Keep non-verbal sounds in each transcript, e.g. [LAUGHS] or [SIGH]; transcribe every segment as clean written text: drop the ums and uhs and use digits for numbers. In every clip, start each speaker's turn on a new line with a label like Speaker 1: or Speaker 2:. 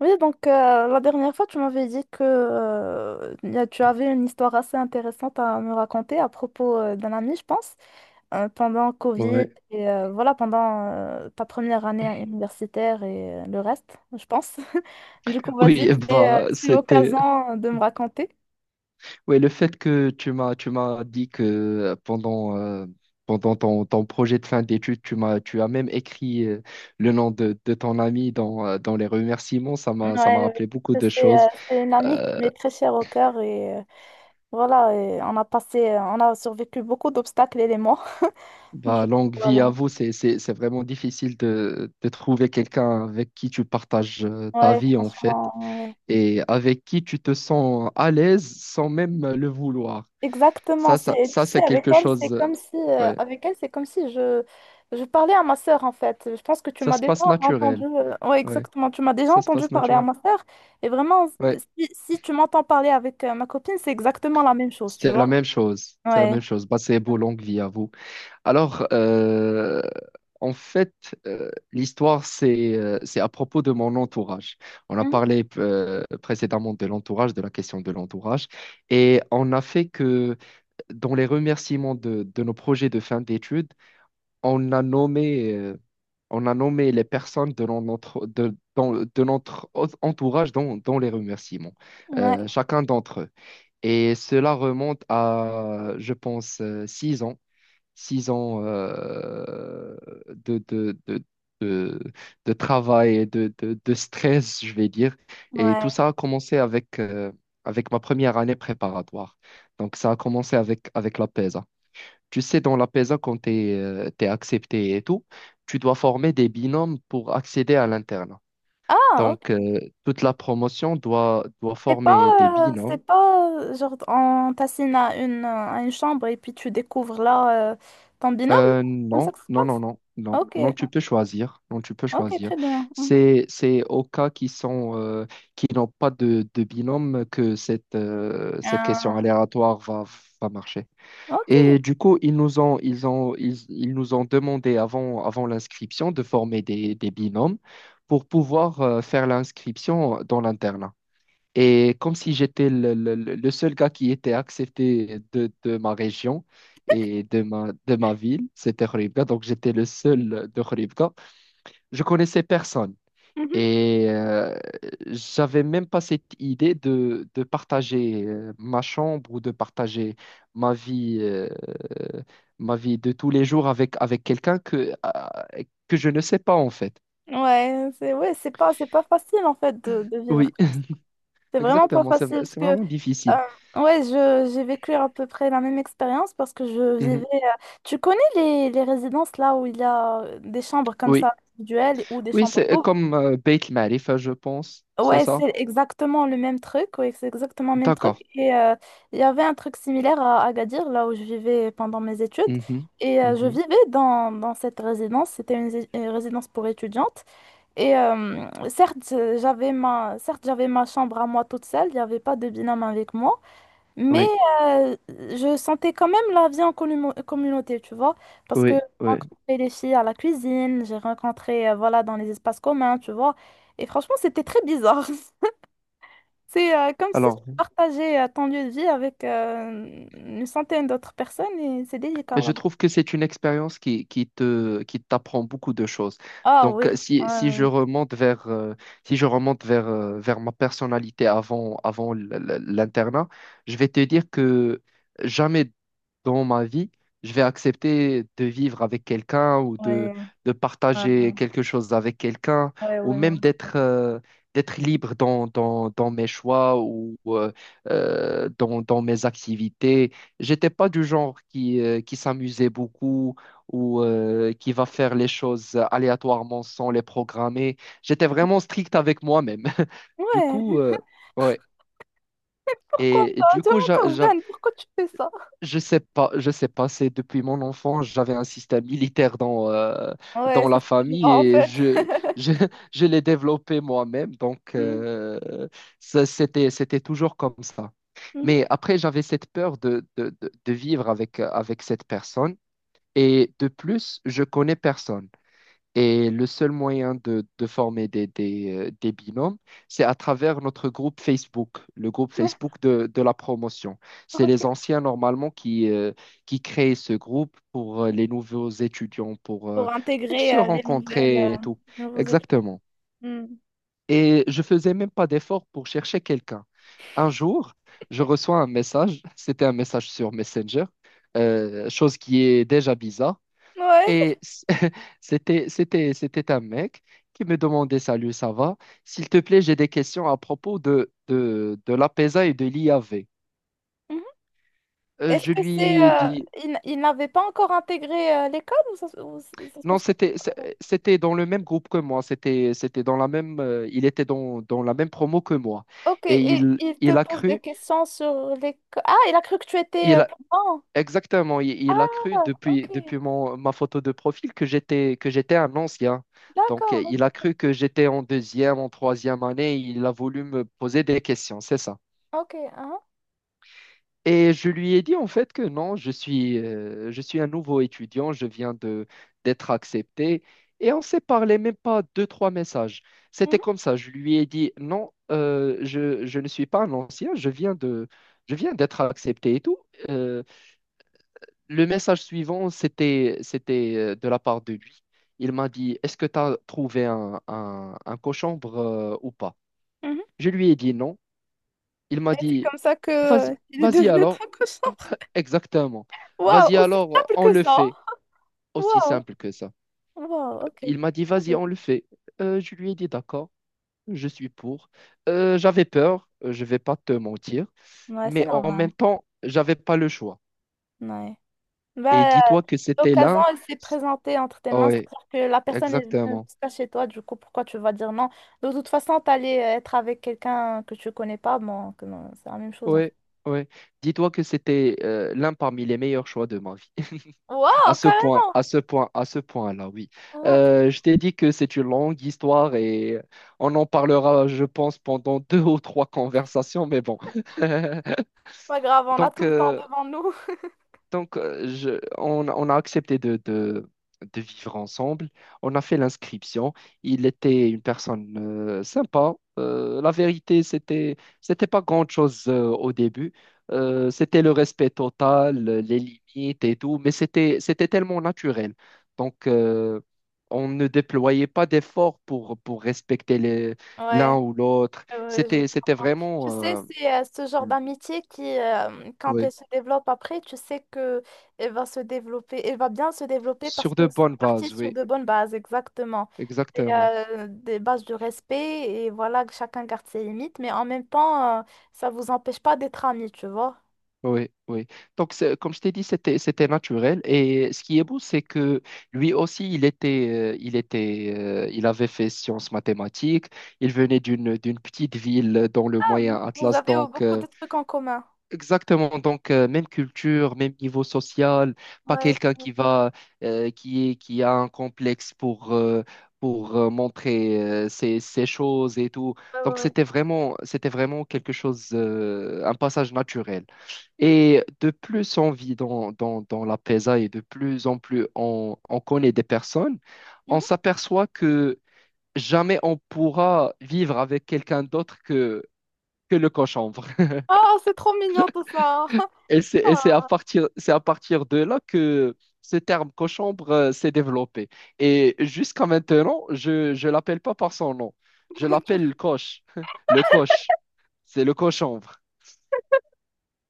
Speaker 1: Oui, donc la dernière fois, tu m'avais dit que tu avais une histoire assez intéressante à me raconter à propos d'un ami, je pense, pendant Covid
Speaker 2: Ouais.
Speaker 1: et voilà, pendant ta première année universitaire et le reste, je pense. [LAUGHS] Du coup, vas-y,
Speaker 2: Oui, [LAUGHS] bah
Speaker 1: c'est
Speaker 2: c'était
Speaker 1: l'occasion de me raconter.
Speaker 2: ouais, le fait que tu m'as dit que pendant ton projet de fin d'études, tu as même écrit le nom de ton ami dans les remerciements,
Speaker 1: Ouais,
Speaker 2: ça m'a rappelé
Speaker 1: ouais.
Speaker 2: beaucoup de
Speaker 1: c'est
Speaker 2: choses.
Speaker 1: euh, c'est une amie qui
Speaker 2: Euh,
Speaker 1: m'est très chère au cœur et voilà, et on a on a survécu beaucoup d'obstacles, elle et moi. [LAUGHS] Du
Speaker 2: Bah,
Speaker 1: coup,
Speaker 2: longue vie à
Speaker 1: voilà.
Speaker 2: vous, c'est vraiment difficile de trouver quelqu'un avec qui tu partages ta
Speaker 1: Ouais,
Speaker 2: vie en fait,
Speaker 1: franchement, ouais.
Speaker 2: et avec qui tu te sens à l'aise sans même le vouloir.
Speaker 1: Exactement,
Speaker 2: Ça
Speaker 1: c'est,
Speaker 2: ça
Speaker 1: tu
Speaker 2: ça
Speaker 1: sais,
Speaker 2: c'est
Speaker 1: avec
Speaker 2: quelque
Speaker 1: elle, c'est
Speaker 2: chose.
Speaker 1: comme si,
Speaker 2: Ouais.
Speaker 1: avec elle, c'est comme si je parlais à ma sœur, en fait. Je pense que tu
Speaker 2: Ça
Speaker 1: m'as
Speaker 2: se
Speaker 1: déjà
Speaker 2: passe naturel.
Speaker 1: ouais,
Speaker 2: Ouais,
Speaker 1: exactement, tu m'as déjà
Speaker 2: ça se
Speaker 1: entendu
Speaker 2: passe
Speaker 1: parler à
Speaker 2: naturel.
Speaker 1: ma sœur. Et vraiment,
Speaker 2: Ouais,
Speaker 1: si tu m'entends parler avec ma copine, c'est exactement la même chose, tu
Speaker 2: c'est la
Speaker 1: vois.
Speaker 2: même chose. C'est la
Speaker 1: Ouais.
Speaker 2: même chose. Bah, c'est beau, longue vie à vous. Alors, en fait, l'histoire, c'est à propos de mon entourage. On a
Speaker 1: Mhm.
Speaker 2: parlé précédemment de l'entourage, de la question de l'entourage. Et on a fait que dans les remerciements de nos projets de fin d'études, on a nommé. euh, on a nommé les personnes de non- notre, de, dans- de notre o- entourage dans les remerciements,
Speaker 1: Ouais,
Speaker 2: chacun d'entre eux. Et cela remonte à, je pense, 6 ans, 6 ans de, de, de, de, de travail et de stress, je vais dire. Et tout
Speaker 1: ouais.
Speaker 2: ça a commencé avec ma première année préparatoire. Donc, ça a commencé avec la PESA. Tu sais, dans la PESA, quand tu es accepté et tout, tu dois former des binômes pour accéder à l'internat.
Speaker 1: Ah,
Speaker 2: Donc,
Speaker 1: ok.
Speaker 2: toute la promotion doit
Speaker 1: C'est
Speaker 2: former des
Speaker 1: pas, c'est
Speaker 2: binômes.
Speaker 1: pas, genre, on t'assigne à à une chambre et puis tu découvres là, ton binôme, non? Comme ça
Speaker 2: Non,
Speaker 1: que ça se
Speaker 2: non,
Speaker 1: passe?
Speaker 2: non, non, non,
Speaker 1: Ok,
Speaker 2: non, tu peux choisir. Non, tu peux
Speaker 1: ok,
Speaker 2: choisir.
Speaker 1: très bien. Mhm.
Speaker 2: C'est au cas qui sont, qui n'ont pas de binôme que cette question
Speaker 1: Euh,
Speaker 2: aléatoire va marcher.
Speaker 1: ok.
Speaker 2: Et du coup, ils nous ont demandé avant l'inscription de former des binômes pour pouvoir faire l'inscription dans l'internat. Et comme si j'étais le seul gars qui était accepté de ma région et de ma ville. C'était Khouribga, donc j'étais le seul de Khouribga, je connaissais personne.
Speaker 1: Mhm.
Speaker 2: Et j'avais même pas cette idée de partager ma chambre ou de partager ma vie, euh, ma vie de tous les jours avec quelqu'un que je ne sais pas en fait.
Speaker 1: Ouais, c'est pas facile en fait de vivre
Speaker 2: Oui,
Speaker 1: comme ça.
Speaker 2: [LAUGHS]
Speaker 1: C'est vraiment pas
Speaker 2: exactement,
Speaker 1: facile parce
Speaker 2: c'est
Speaker 1: que
Speaker 2: vraiment difficile.
Speaker 1: ouais, je j'ai vécu à peu près la même expérience parce que je vivais
Speaker 2: Mhm.
Speaker 1: tu connais les résidences là où il y a des chambres comme
Speaker 2: Oui,
Speaker 1: ça individuelles ou des
Speaker 2: oui,
Speaker 1: chambres
Speaker 2: c'est
Speaker 1: doubles?
Speaker 2: comme Beit Marif, je pense, c'est
Speaker 1: Ouais,
Speaker 2: ça?
Speaker 1: c'est exactement le même truc, ouais, c'est exactement le même truc
Speaker 2: D'accord.
Speaker 1: et il y avait un truc similaire à Agadir là où je vivais pendant mes études
Speaker 2: Mhm.
Speaker 1: et je
Speaker 2: Mhm.
Speaker 1: vivais dans cette résidence, c'était une résidence pour étudiantes. Et certes, certes, j'avais ma chambre à moi toute seule, il n'y avait pas de binôme avec moi, mais
Speaker 2: Oui,
Speaker 1: je sentais quand même la vie en communauté, tu vois, parce que j'ai
Speaker 2: oui, oui.
Speaker 1: rencontré les filles à la cuisine, j'ai rencontré, voilà, dans les espaces communs, tu vois, et franchement, c'était très bizarre. [LAUGHS] C'est comme si tu
Speaker 2: Alors,
Speaker 1: partageais ton lieu de vie avec une centaine d'autres personnes et c'est délicat.
Speaker 2: Mais
Speaker 1: Là.
Speaker 2: je trouve que c'est une expérience qui t'apprend beaucoup de choses.
Speaker 1: Ah
Speaker 2: Donc,
Speaker 1: oui,
Speaker 2: si je
Speaker 1: ouais,
Speaker 2: remonte vers, vers ma personnalité avant, l'internat, je vais te dire que jamais dans ma vie je vais accepter de vivre avec quelqu'un, ou
Speaker 1: ouais, ouais,
Speaker 2: de partager quelque chose avec quelqu'un,
Speaker 1: ouais, ouais, ouais.
Speaker 2: ou
Speaker 1: ouais, moi
Speaker 2: même d'être libre dans mes choix ou dans mes activités. J'étais pas du genre qui s'amusait beaucoup, ou qui va faire les choses aléatoirement sans les programmer. J'étais
Speaker 1: aussi.
Speaker 2: vraiment strict avec moi-même. [LAUGHS] Du coup,
Speaker 1: Ouais.
Speaker 2: ouais. Et du
Speaker 1: Tu es
Speaker 2: coup, j'avais
Speaker 1: encore jeune, pourquoi tu fais ça?
Speaker 2: je sais pas, c'est depuis mon enfance, j'avais un système militaire
Speaker 1: Ouais,
Speaker 2: dans
Speaker 1: c'est
Speaker 2: la
Speaker 1: ça je
Speaker 2: famille,
Speaker 1: vois en
Speaker 2: et
Speaker 1: fait.
Speaker 2: je, [LAUGHS] je l'ai développé moi-même, donc
Speaker 1: Mm.
Speaker 2: ça, c'était toujours comme ça.
Speaker 1: Mhm.
Speaker 2: Mais après, j'avais cette peur de vivre avec cette personne, et de plus, je connais personne. Et le seul moyen de former des binômes, c'est à travers notre groupe Facebook, le groupe
Speaker 1: Ouais,
Speaker 2: Facebook de la promotion. C'est
Speaker 1: ok.
Speaker 2: les anciens normalement qui créent ce groupe pour les nouveaux étudiants,
Speaker 1: Pour
Speaker 2: pour se
Speaker 1: intégrer
Speaker 2: rencontrer et tout.
Speaker 1: les nouveaux étudiants.
Speaker 2: Exactement.
Speaker 1: Mm.
Speaker 2: Et je faisais même pas d'effort pour chercher quelqu'un. Un jour, je reçois un message, [LAUGHS] c'était un message sur Messenger, chose qui est déjà bizarre.
Speaker 1: Ouais.
Speaker 2: Et c'était un mec qui me demandait: «Salut, ça va? S'il te plaît, j'ai des questions à propos de l'APESA et de l'IAV.»
Speaker 1: Mhm. Est-ce
Speaker 2: Je
Speaker 1: que c'est...
Speaker 2: lui ai dit
Speaker 1: ils, ils n'avaient pas encore intégré l'école ou ça se
Speaker 2: non,
Speaker 1: passe
Speaker 2: c'était
Speaker 1: comment?
Speaker 2: c'est- c'était dans le même groupe que moi, c'était dans la même, il était dans la même promo que moi.
Speaker 1: Ok,
Speaker 2: Et
Speaker 1: et il te
Speaker 2: il a
Speaker 1: pose des
Speaker 2: cru,
Speaker 1: questions sur l'école. Ah, il a cru que tu étais
Speaker 2: il a-
Speaker 1: plan.
Speaker 2: il a cru,
Speaker 1: Ah,
Speaker 2: depuis,
Speaker 1: ok.
Speaker 2: depuis ma photo de profil, que j'étais un ancien. Donc,
Speaker 1: D'accord. Ok,
Speaker 2: il a
Speaker 1: ok.
Speaker 2: cru que j'étais en deuxième, en troisième année, il a voulu me poser des questions, c'est ça.
Speaker 1: Ok, hein.
Speaker 2: Et je lui ai dit en fait que non, je suis un nouveau étudiant, je viens de d'être accepté. Et on s'est parlé même pas deux, trois messages. C'était
Speaker 1: Mhm,
Speaker 2: comme ça. Je lui ai dit non, je ne suis pas un ancien, je viens d'être accepté et tout. Euh, le message suivant, c'était de la part de lui. Il m'a dit: «Est-ce que tu as trouvé un cochambre ou pas?»
Speaker 1: mhm.
Speaker 2: Je lui ai dit non. Il m'a
Speaker 1: Et c'est
Speaker 2: dit:
Speaker 1: comme ça que
Speaker 2: «Vas-y,
Speaker 1: il est
Speaker 2: vas-y
Speaker 1: devenu
Speaker 2: alors.»
Speaker 1: ton cochon.
Speaker 2: [LAUGHS] Exactement.
Speaker 1: Waouh,
Speaker 2: Vas-y
Speaker 1: aussi
Speaker 2: alors,
Speaker 1: simple
Speaker 2: on
Speaker 1: que
Speaker 2: le
Speaker 1: ça.
Speaker 2: fait. Aussi
Speaker 1: Waouh,
Speaker 2: simple que ça.
Speaker 1: waouh, ok.
Speaker 2: Il m'a dit: «Vas-y, on le fait.» Je lui ai dit: «D'accord, je suis pour.» J'avais peur, je vais pas te mentir,
Speaker 1: Ouais, c'est
Speaker 2: mais en
Speaker 1: normal.
Speaker 2: même temps, j'avais pas le choix.
Speaker 1: Ouais.
Speaker 2: Et
Speaker 1: Bah,
Speaker 2: dis-toi que c'était
Speaker 1: l'occasion,
Speaker 2: l'un.
Speaker 1: elle s'est présentée entre tes mains,
Speaker 2: Oui,
Speaker 1: c'est-à-dire que la personne est venue
Speaker 2: exactement.
Speaker 1: jusqu'à chez toi, du coup, pourquoi tu vas dire non? De toute façon, t'allais être avec quelqu'un que tu connais pas, bon, que non, c'est la même chose en fait.
Speaker 2: Oui, oui. Dis-toi que c'était l'un parmi les meilleurs choix de ma vie. À
Speaker 1: Waouh,
Speaker 2: ce point,
Speaker 1: carrément!
Speaker 2: à ce point, à ce point-là, oui.
Speaker 1: Waouh, trop
Speaker 2: Je t'ai dit que c'est une longue histoire, et on en parlera, je pense, pendant [LAUGHS] deux ou trois conversations, mais bon. [LAUGHS]
Speaker 1: pas grave, on a
Speaker 2: Donc,
Speaker 1: tout le temps
Speaker 2: euh,
Speaker 1: devant nous. [LAUGHS]
Speaker 2: donc, on a accepté de vivre ensemble. On a fait l'inscription. Il était une personne sympa. La vérité, c'était pas grand-chose au début. C'était le respect total, les limites et tout, mais c'était tellement naturel. Donc, on ne déployait pas d'efforts pour respecter
Speaker 1: Ouais.
Speaker 2: l'un ou l'autre.
Speaker 1: Ouais, je
Speaker 2: C'était
Speaker 1: comprends. Tu sais,
Speaker 2: vraiment
Speaker 1: c'est ce genre
Speaker 2: Mm.
Speaker 1: d'amitié qui, quand elle
Speaker 2: Ouais,
Speaker 1: se développe après, tu sais que elle va se développer, elle va bien se développer parce
Speaker 2: sur de
Speaker 1: que c'est
Speaker 2: bonnes
Speaker 1: parti
Speaker 2: bases,
Speaker 1: sur
Speaker 2: oui,
Speaker 1: de bonnes bases, exactement. Et,
Speaker 2: exactement.
Speaker 1: des bases de respect, et voilà, que chacun garde ses limites, mais en même temps, ça vous empêche pas d'être amis, tu vois.
Speaker 2: Oui, oui. Donc, comme je t'ai dit, c'était naturel. Et ce qui est beau, c'est que lui aussi, il était, il avait fait sciences mathématiques. Il venait d'une petite ville dans le
Speaker 1: Ah,
Speaker 2: Moyen
Speaker 1: vous
Speaker 2: Atlas.
Speaker 1: avez
Speaker 2: Donc,
Speaker 1: beaucoup de trucs en commun.
Speaker 2: exactement. Donc, même culture, même niveau social. Pas
Speaker 1: Ouais,
Speaker 2: quelqu'un qui va, qui est, qui a un complexe pour, montrer ses, ses choses et tout.
Speaker 1: ouais, ouais.
Speaker 2: Donc,
Speaker 1: ouais.
Speaker 2: c'était vraiment quelque chose, un passage naturel. Et de plus on vit dans la PESA, et de plus en plus on connaît des personnes, on
Speaker 1: Mhm.
Speaker 2: s'aperçoit que jamais on pourra vivre avec quelqu'un d'autre que le cochambre. [LAUGHS]
Speaker 1: Oh, c'est trop mignon tout ça.
Speaker 2: Et
Speaker 1: [LAUGHS] Ah,
Speaker 2: c'est à partir de là que ce terme cochambre s'est développé. Et jusqu'à maintenant, je ne l'appelle pas par son nom. Je
Speaker 1: [LAUGHS] tu-
Speaker 2: l'appelle le coche. [LAUGHS] Le coche. C'est le cochambre.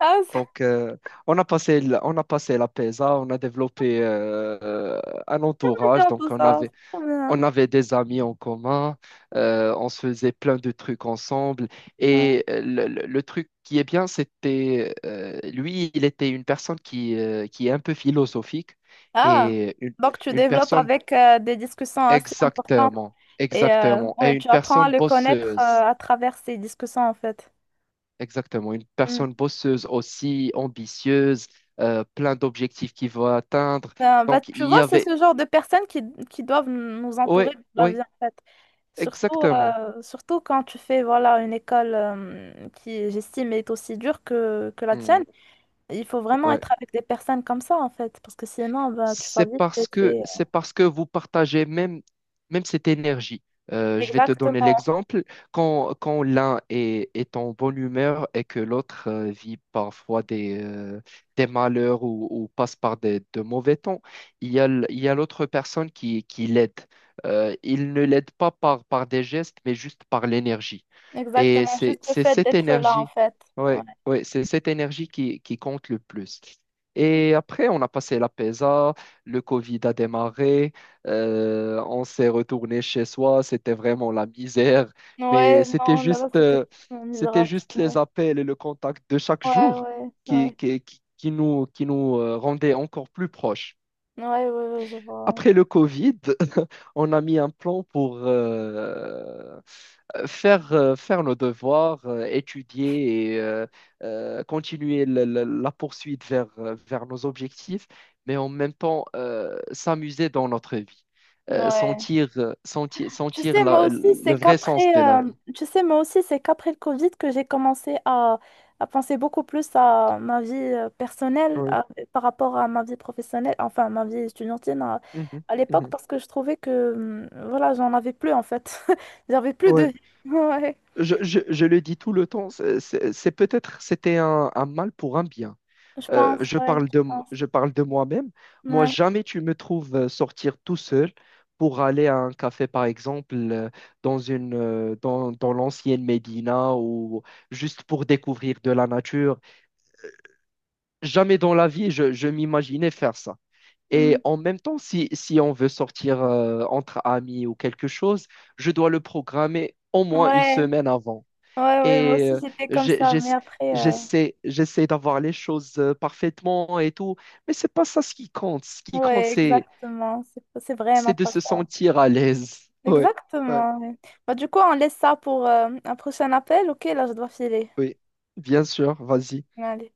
Speaker 1: ah, c'est
Speaker 2: Donc, on a passé, on a passé la PESA, on a développé un entourage.
Speaker 1: mignon tout
Speaker 2: Donc,
Speaker 1: ça. C'est trop bien.
Speaker 2: on avait des amis en commun, on se faisait plein de trucs ensemble.
Speaker 1: Ouais.
Speaker 2: Et le truc qui est bien, c'était, lui, il était une personne qui est un peu philosophique
Speaker 1: Ah,
Speaker 2: et
Speaker 1: donc tu
Speaker 2: une
Speaker 1: développes
Speaker 2: personne
Speaker 1: avec des discussions assez importantes
Speaker 2: exactement,
Speaker 1: et
Speaker 2: exactement, et
Speaker 1: ouais,
Speaker 2: une
Speaker 1: tu apprends à
Speaker 2: personne
Speaker 1: le connaître
Speaker 2: bosseuse.
Speaker 1: à travers ces discussions en fait.
Speaker 2: Exactement, une
Speaker 1: Mm.
Speaker 2: personne bosseuse aussi, ambitieuse, plein d'objectifs qu'il veut atteindre.
Speaker 1: Ben, bah,
Speaker 2: Donc,
Speaker 1: tu
Speaker 2: il y
Speaker 1: vois, c'est
Speaker 2: avait...
Speaker 1: ce genre de personnes qui doivent nous
Speaker 2: Oui,
Speaker 1: entourer de la vie
Speaker 2: oui,
Speaker 1: en fait. Surtout,
Speaker 2: exactement.
Speaker 1: surtout quand tu fais voilà, une école qui, j'estime, est aussi dure que la tienne. Il faut vraiment
Speaker 2: Oui,
Speaker 1: être avec des personnes comme ça en fait, parce que sinon, ben, tu vas vite. Et c'est-
Speaker 2: C'est parce que vous partagez même, même cette énergie. Je vais te donner
Speaker 1: Exactement,
Speaker 2: l'exemple. Quand l'un est, est en bonne humeur et que l'autre vit parfois des malheurs, ou passe par des, de mauvais temps, il y a l'autre personne qui l'aide. Il ne l'aide pas par des gestes, mais juste par l'énergie. Et
Speaker 1: exactement, juste le
Speaker 2: c'est
Speaker 1: fait
Speaker 2: cette
Speaker 1: d'être là en
Speaker 2: énergie,
Speaker 1: fait. Ouais.
Speaker 2: ouais, ouais, c'est cette énergie qui compte le plus. Et après, on a passé la PESA, le Covid a démarré, on s'est retourné chez soi, c'était vraiment la misère,
Speaker 1: Ouais,
Speaker 2: mais c'était
Speaker 1: non, là-bas,
Speaker 2: juste,
Speaker 1: c'était
Speaker 2: euh,
Speaker 1: tellement
Speaker 2: c'était
Speaker 1: misérable,
Speaker 2: juste
Speaker 1: c'est vrai.
Speaker 2: les appels et le contact de chaque
Speaker 1: Ouais,
Speaker 2: jour
Speaker 1: ouais, ouais.
Speaker 2: qui nous rendaient encore plus proches.
Speaker 1: Ouais, ouais, ouais, je vois.
Speaker 2: Après le Covid, on a mis un plan pour faire nos devoirs, étudier et continuer la poursuite vers, vers nos objectifs, mais en même temps s'amuser dans notre vie.
Speaker 1: Ouais. Ouais. Tu
Speaker 2: Sentir
Speaker 1: sais, moi aussi,
Speaker 2: le vrai sens de la vie.
Speaker 1: tu sais, moi aussi, c'est qu'après le Covid que j'ai commencé à penser beaucoup plus à ma vie personnelle
Speaker 2: Oui.
Speaker 1: à- par rapport à ma vie professionnelle, enfin, ma vie étudiantine
Speaker 2: Mhm.
Speaker 1: à l'époque,
Speaker 2: Mhm.
Speaker 1: parce que je trouvais que, voilà, j'en avais plus, en fait. [LAUGHS] J'avais plus de
Speaker 2: Ouais.
Speaker 1: vie. [LAUGHS] Ouais,
Speaker 2: Je le dis tout le temps, c'est peut-être, c'était un mal pour un bien.
Speaker 1: je pense, ouais, je pense.
Speaker 2: Je parle de moi-même. Moi,
Speaker 1: Ouais.
Speaker 2: jamais tu me trouves sortir tout seul pour aller à un café, par exemple, dans une, dans l'ancienne Médina, ou juste pour découvrir de la nature. Jamais dans la vie, je m'imaginais faire ça. Et
Speaker 1: Hum.
Speaker 2: en même temps, si on veut sortir entre amis ou quelque chose, je dois le programmer au moins une
Speaker 1: Ouais.
Speaker 2: semaine avant.
Speaker 1: Ouais, ouais, moi
Speaker 2: Et
Speaker 1: aussi j'étais comme
Speaker 2: j'ai-
Speaker 1: ça, mais
Speaker 2: j'ess-
Speaker 1: après,
Speaker 2: j'essaie, j'essaie d'avoir les choses parfaitement et tout. Mais c'est pas ça ce qui compte. Ce qui compte,
Speaker 1: ouais, exactement, c'est vraiment
Speaker 2: c'est de
Speaker 1: pas
Speaker 2: se
Speaker 1: ça.
Speaker 2: sentir à l'aise. Ouais, ouais,
Speaker 1: Exactement. Ouais. Bah, du coup, on laisse ça pour un prochain appel, ok? Là, je dois filer.
Speaker 2: oui. Bien sûr, vas-y.
Speaker 1: Allez.